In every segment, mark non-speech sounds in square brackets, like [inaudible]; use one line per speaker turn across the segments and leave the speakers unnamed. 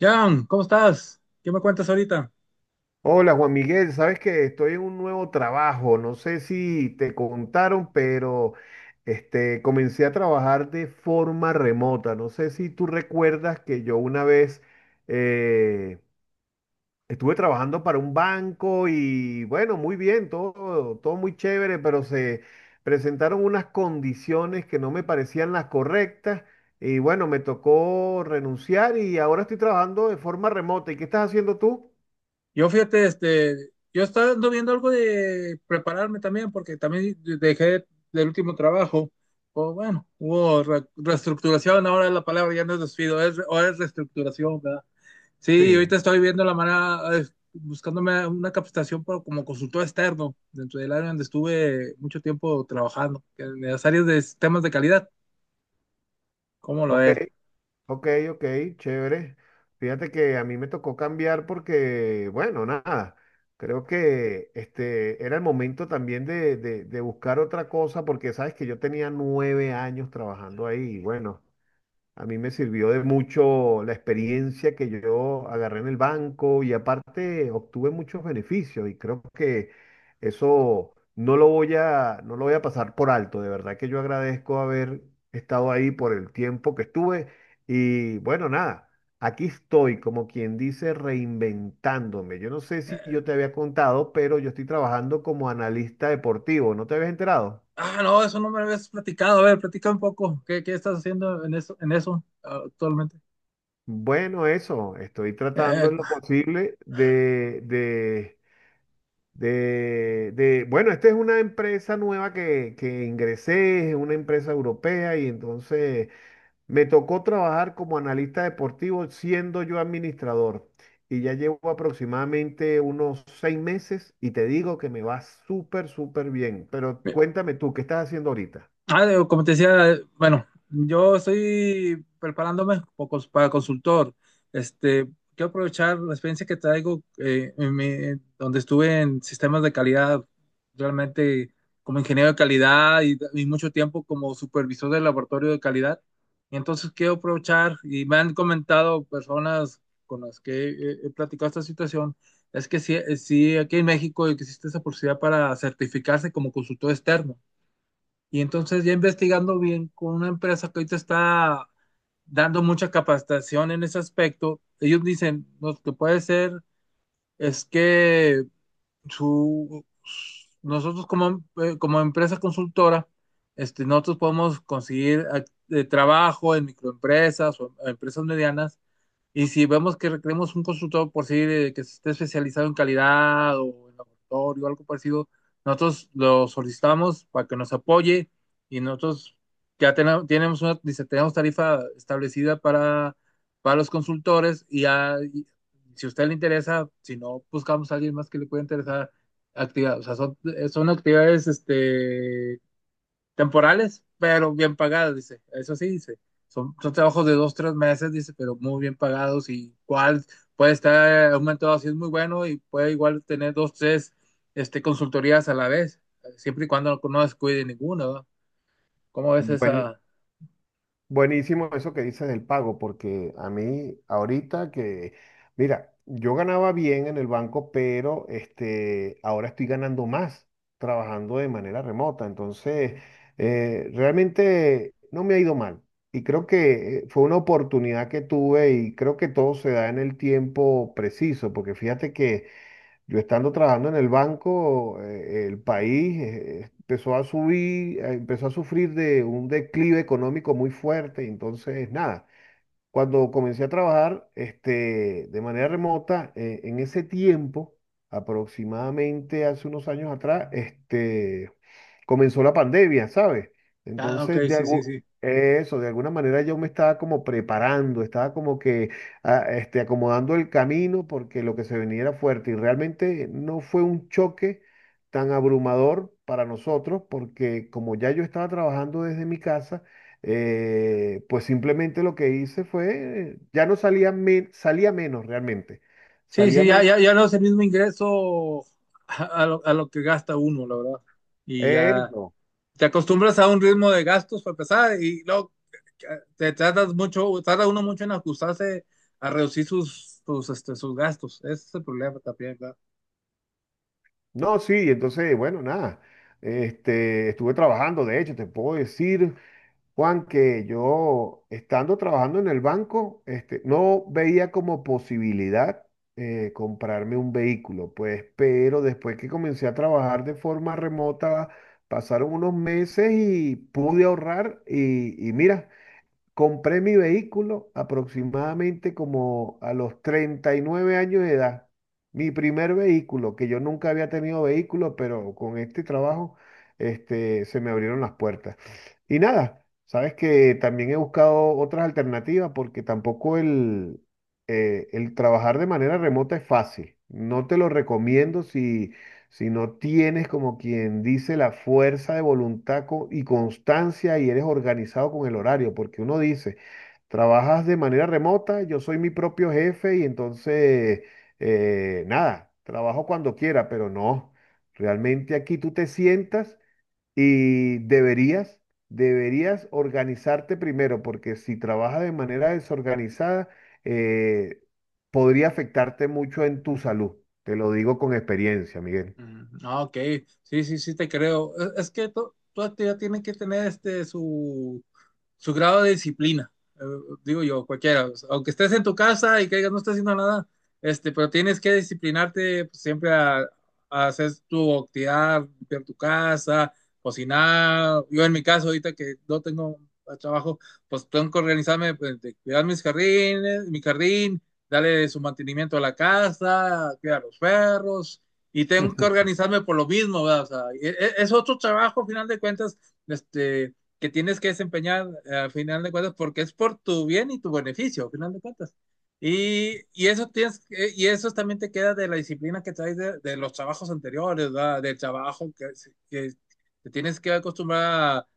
Jan, ¿cómo estás? ¿Qué me cuentas ahorita?
Hola Juan Miguel, sabes que estoy en un nuevo trabajo, no sé si te contaron, pero comencé a trabajar de forma remota. No sé si tú recuerdas que yo una vez eh, estuve trabajando para un banco y bueno, muy bien, todo muy chévere, pero se presentaron unas condiciones que no me parecían las correctas y bueno, me tocó renunciar y ahora estoy trabajando de forma remota. ¿Y qué estás haciendo tú?
Yo fíjate, yo estaba ando viendo algo de prepararme también, porque también dejé del último trabajo, o bueno, hubo reestructuración, ahora la palabra ya no es despido, es, ahora es reestructuración, ¿verdad? Sí,
Sí,
ahorita estoy viendo la manera, buscándome una capacitación como consultor externo dentro del área donde estuve mucho tiempo trabajando, que en las áreas de sistemas de calidad, ¿cómo lo
ok.
es?
Ok, ok, chévere. Fíjate que a mí me tocó cambiar porque, bueno, nada, creo que este era el momento también de buscar otra cosa, porque sabes que yo tenía 9 años trabajando ahí y bueno, a mí me sirvió de mucho la experiencia que yo agarré en el banco y aparte obtuve muchos beneficios, y creo que eso no lo voy a pasar por alto. De verdad que yo agradezco haber estado ahí por el tiempo que estuve y bueno, nada, aquí estoy, como quien dice, reinventándome. Yo no sé si yo te había contado, pero yo estoy trabajando como analista deportivo. ¿No te habías enterado?
Ah, no, eso no me lo habías platicado. A ver, platica un poco. ¿Qué estás haciendo en eso ah, actualmente?
Bueno, eso, estoy tratando
Eh,
en lo posible de bueno, esta es una empresa nueva que ingresé, es una empresa europea, y entonces me tocó trabajar como analista deportivo siendo yo administrador, y ya llevo aproximadamente unos 6 meses y te digo que me va súper bien, pero cuéntame tú, ¿qué estás haciendo ahorita?
Ah, digo, como te decía, bueno, yo estoy preparándome para consultor. Este, quiero aprovechar la experiencia que traigo en donde estuve en sistemas de calidad, realmente como ingeniero de calidad y, mucho tiempo como supervisor del laboratorio de calidad. Y entonces quiero aprovechar, y me han comentado personas con las que he platicado esta situación, es que sí, sí, aquí en México existe esa posibilidad para certificarse como consultor externo. Y entonces ya investigando bien con una empresa que ahorita está dando mucha capacitación en ese aspecto, ellos dicen: "No, lo que puede ser es que su, nosotros como, como empresa consultora, nosotros podemos conseguir trabajo en microempresas o empresas medianas. Y si vemos que requeremos un consultor por sí que esté especializado en calidad o en laboratorio o algo parecido, nosotros lo solicitamos para que nos apoye y nosotros ya tenemos, tenemos una, dice, tenemos tarifa establecida para los consultores y, ya- si a usted le interesa, si no, buscamos a alguien más que le pueda interesar actividad. O sea, son, son actividades temporales, pero bien pagadas, dice. Eso sí, dice. Son, son trabajos de dos, tres meses, dice, pero muy bien pagados y cuál puede estar aumentado así es muy bueno y puede igual tener dos, tres consultorías a la vez, siempre y cuando no, no descuide ninguna, ¿verdad? ¿Cómo ves esa?"
Buenísimo eso que dices del pago, porque a mí ahorita que, mira, yo ganaba bien en el banco, pero este, ahora estoy ganando más trabajando de manera remota. Entonces, realmente no me ha ido mal. Y creo que fue una oportunidad que tuve, y creo que todo se da en el tiempo preciso, porque fíjate que yo estando trabajando en el banco, el país empezó a sufrir de un declive económico muy fuerte, y entonces nada, cuando comencé a trabajar de manera remota, en ese tiempo, aproximadamente hace unos años atrás, comenzó la pandemia, ¿sabes?
Ah, ok,
Entonces,
sí, sí, sí.
eso, de alguna manera yo me estaba como preparando, estaba como que acomodando el camino, porque lo que se venía era fuerte y realmente no fue un choque tan abrumador para nosotros, porque como ya yo estaba trabajando desde mi casa, pues simplemente lo que hice fue, ya no salía, me salía menos realmente,
Sí,
salía
sí, ya,
menos,
ya, ya no es el mismo ingreso a lo que gasta uno, la verdad. Y ya
eso,
te acostumbras a un ritmo de gastos para empezar y luego eh, te tratas mucho, tarda uno mucho en ajustarse a reducir sus, sus, sus gastos. Ese es el problema también, ¿verdad?
no, sí, entonces, bueno, nada, estuve trabajando. De hecho, te puedo decir, Juan, que yo estando trabajando en el banco, no veía como posibilidad comprarme un vehículo, pues, pero después que comencé a trabajar de forma remota, pasaron unos meses y pude ahorrar, y mira. Compré mi vehículo aproximadamente como a los 39 años de edad. Mi primer vehículo, que yo nunca había tenido vehículo, pero con este trabajo, se me abrieron las puertas. Y nada, sabes que también he buscado otras alternativas, porque tampoco el trabajar de manera remota es fácil. No te lo recomiendo si si no tienes, como quien dice, la fuerza de voluntad y constancia y eres organizado con el horario, porque uno dice, trabajas de manera remota, yo soy mi propio jefe y entonces, nada, trabajo cuando quiera, pero no, realmente aquí tú te sientas y deberías organizarte primero, porque si trabajas de manera desorganizada, eh, podría afectarte mucho en tu salud. Te lo digo con experiencia, Miguel.
Ah, ok, sí, sí, sí te creo. Es que toda actividad tiene que tener este su, su grado de disciplina, eh, digo yo, cualquiera. O sea, aunque estés en tu casa y que digas no estás haciendo nada, pero tienes que disciplinarte pues, siempre a hacer tu actividad, limpiar tu casa, cocinar. Yo en mi caso, ahorita que no tengo trabajo, pues tengo que organizarme, pues, de cuidar mis jardines, mi jardín, darle su mantenimiento a la casa, cuidar los perros y tengo que
[laughs]
organizarme por lo mismo, ¿verdad? O sea, e, e, es, otro trabajo, al final de cuentas, este, que tienes que desempeñar, al final de cuentas, porque es por tu bien y tu beneficio, al final de cuentas. Y eso tienes, y eso también te queda de la disciplina que traes de los trabajos anteriores, ¿verdad? Del trabajo que te tienes que acostumbrar a,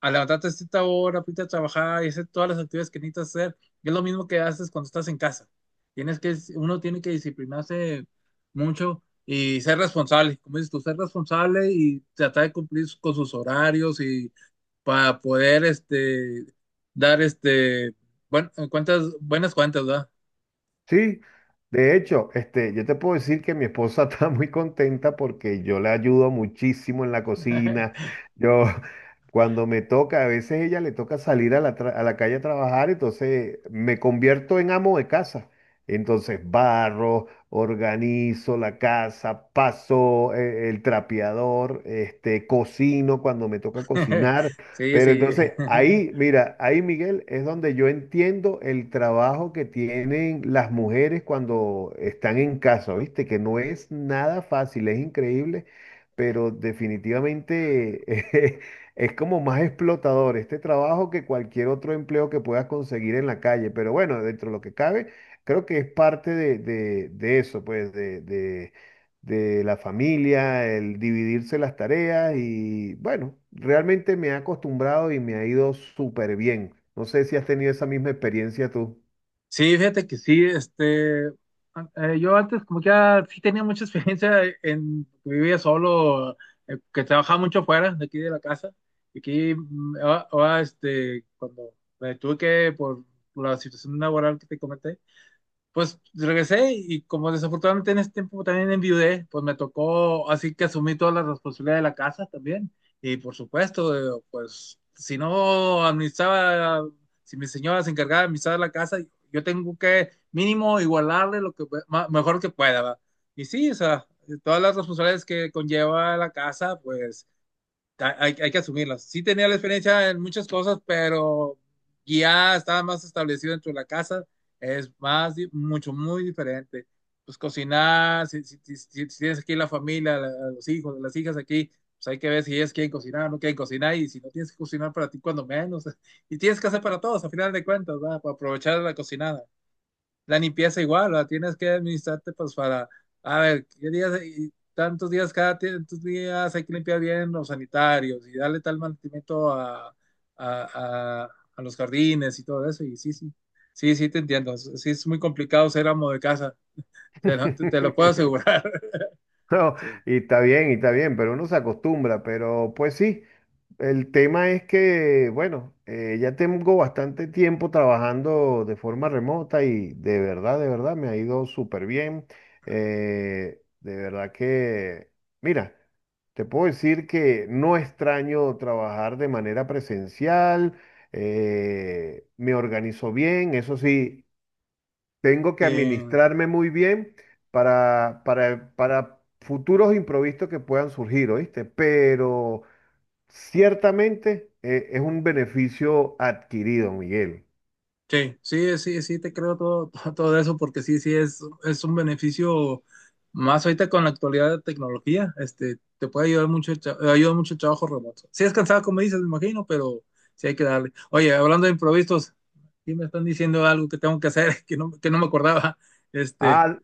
a levantarte a cierta hora, irte a trabajar y hacer todas las actividades que necesitas hacer. Y es lo mismo que haces cuando estás en casa. Tienes que, uno tiene que disciplinarse mucho y ser responsable, como dices tú, ser responsable y tratar de cumplir con sus horarios y para poder dar bueno, cuentas, buenas cuentas, ¿verdad?
Sí, de hecho, yo te puedo decir que mi esposa [laughs] está muy contenta porque yo le ayudo muchísimo en la cocina. Yo, cuando me toca, a veces ella le toca salir a la, a la calle a trabajar, entonces me convierto en amo de casa. Entonces barro, organizo la casa, paso el trapeador, cocino cuando me toca
[laughs]
cocinar.
Sí,
Pero
sí.
entonces
[laughs]
ahí, mira, ahí Miguel es donde yo entiendo el trabajo que tienen las mujeres cuando están en casa, ¿viste? Que no es nada fácil, es increíble, pero definitivamente [laughs] eh, es como más explotador este trabajo que cualquier otro empleo que puedas conseguir en la calle. Pero bueno, dentro de lo que cabe, creo que es parte de eso, pues, de la familia, el dividirse las tareas y bueno, realmente me he acostumbrado y me ha ido súper bien. No sé si has tenido esa misma experiencia tú.
Sí, fíjate que sí, yo antes como que ya sí tenía mucha experiencia en vivía solo, que trabajaba mucho fuera de aquí de la casa y aquí ahora, ahora, cuando me tuve que por la situación laboral que te comenté. Pues regresé y como desafortunadamente en ese tiempo también enviudé, pues me tocó, así que asumí toda la responsabilidad de la casa también. Y por supuesto, pues si no administraba, si mi señora se encargaba de administrar la casa, yo tengo que mínimo igualarle lo que mejor que pueda, ¿va? Y sí, o sea, todas las responsabilidades que conlleva la casa, pues hay, hay que asumirlas. Sí tenía la experiencia en muchas cosas, pero ya estaba más establecido dentro de la casa. Es más, mucho, muy diferente. Pues cocinar, si, si tienes aquí la familia, los hijos, las hijas aquí, pues hay que ver si ellas quieren cocinar o no quieren cocinar. Y si no tienes que cocinar para ti, cuando menos. [laughs] Y tienes que hacer para todos, a final de cuentas, ¿verdad? Para aprovechar la cocinada, la limpieza igual, la tienes que administrarte pues para, a ver, qué días, y tantos días cada tantos días hay que limpiar bien los sanitarios y darle tal mantenimiento a, a los jardines y todo eso. Y sí, sí, sí, sí te entiendo. Sí es muy complicado ser amo de casa, te lo, te lo puedo
[laughs]
asegurar. [laughs]
No,
Sí.
y está bien, pero uno se acostumbra, pero pues sí, el tema es que, bueno, ya tengo bastante tiempo trabajando de forma remota y de verdad me ha ido súper bien. De verdad que, mira, te puedo decir que no extraño trabajar de manera presencial. Me organizo bien, eso sí, tengo que
Sí.
administrarme muy bien para futuros imprevistos que puedan surgir, ¿oíste? Pero... ciertamente es un beneficio adquirido, Miguel.
Sí, sí, sí, sí, te creo todo, [laughs] todo, todo eso porque sí, sí, es un beneficio más ahorita con la actualidad de tecnología, te puede ayudar mucho, el ayuda mucho el trabajo remoto. Sí es cansado, como dices, me imagino, pero sí hay que darle. Oye, hablando de improvisos, aquí me están diciendo algo que tengo que hacer, [laughs] que no me acordaba. Este,
Ah,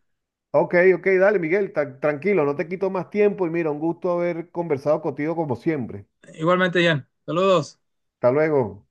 ok, ok, dale, Miguel, tranquilo, no te quito más tiempo y mira, un gusto haber conversado contigo como siempre.
igualmente, Jan, saludos.
Hasta luego.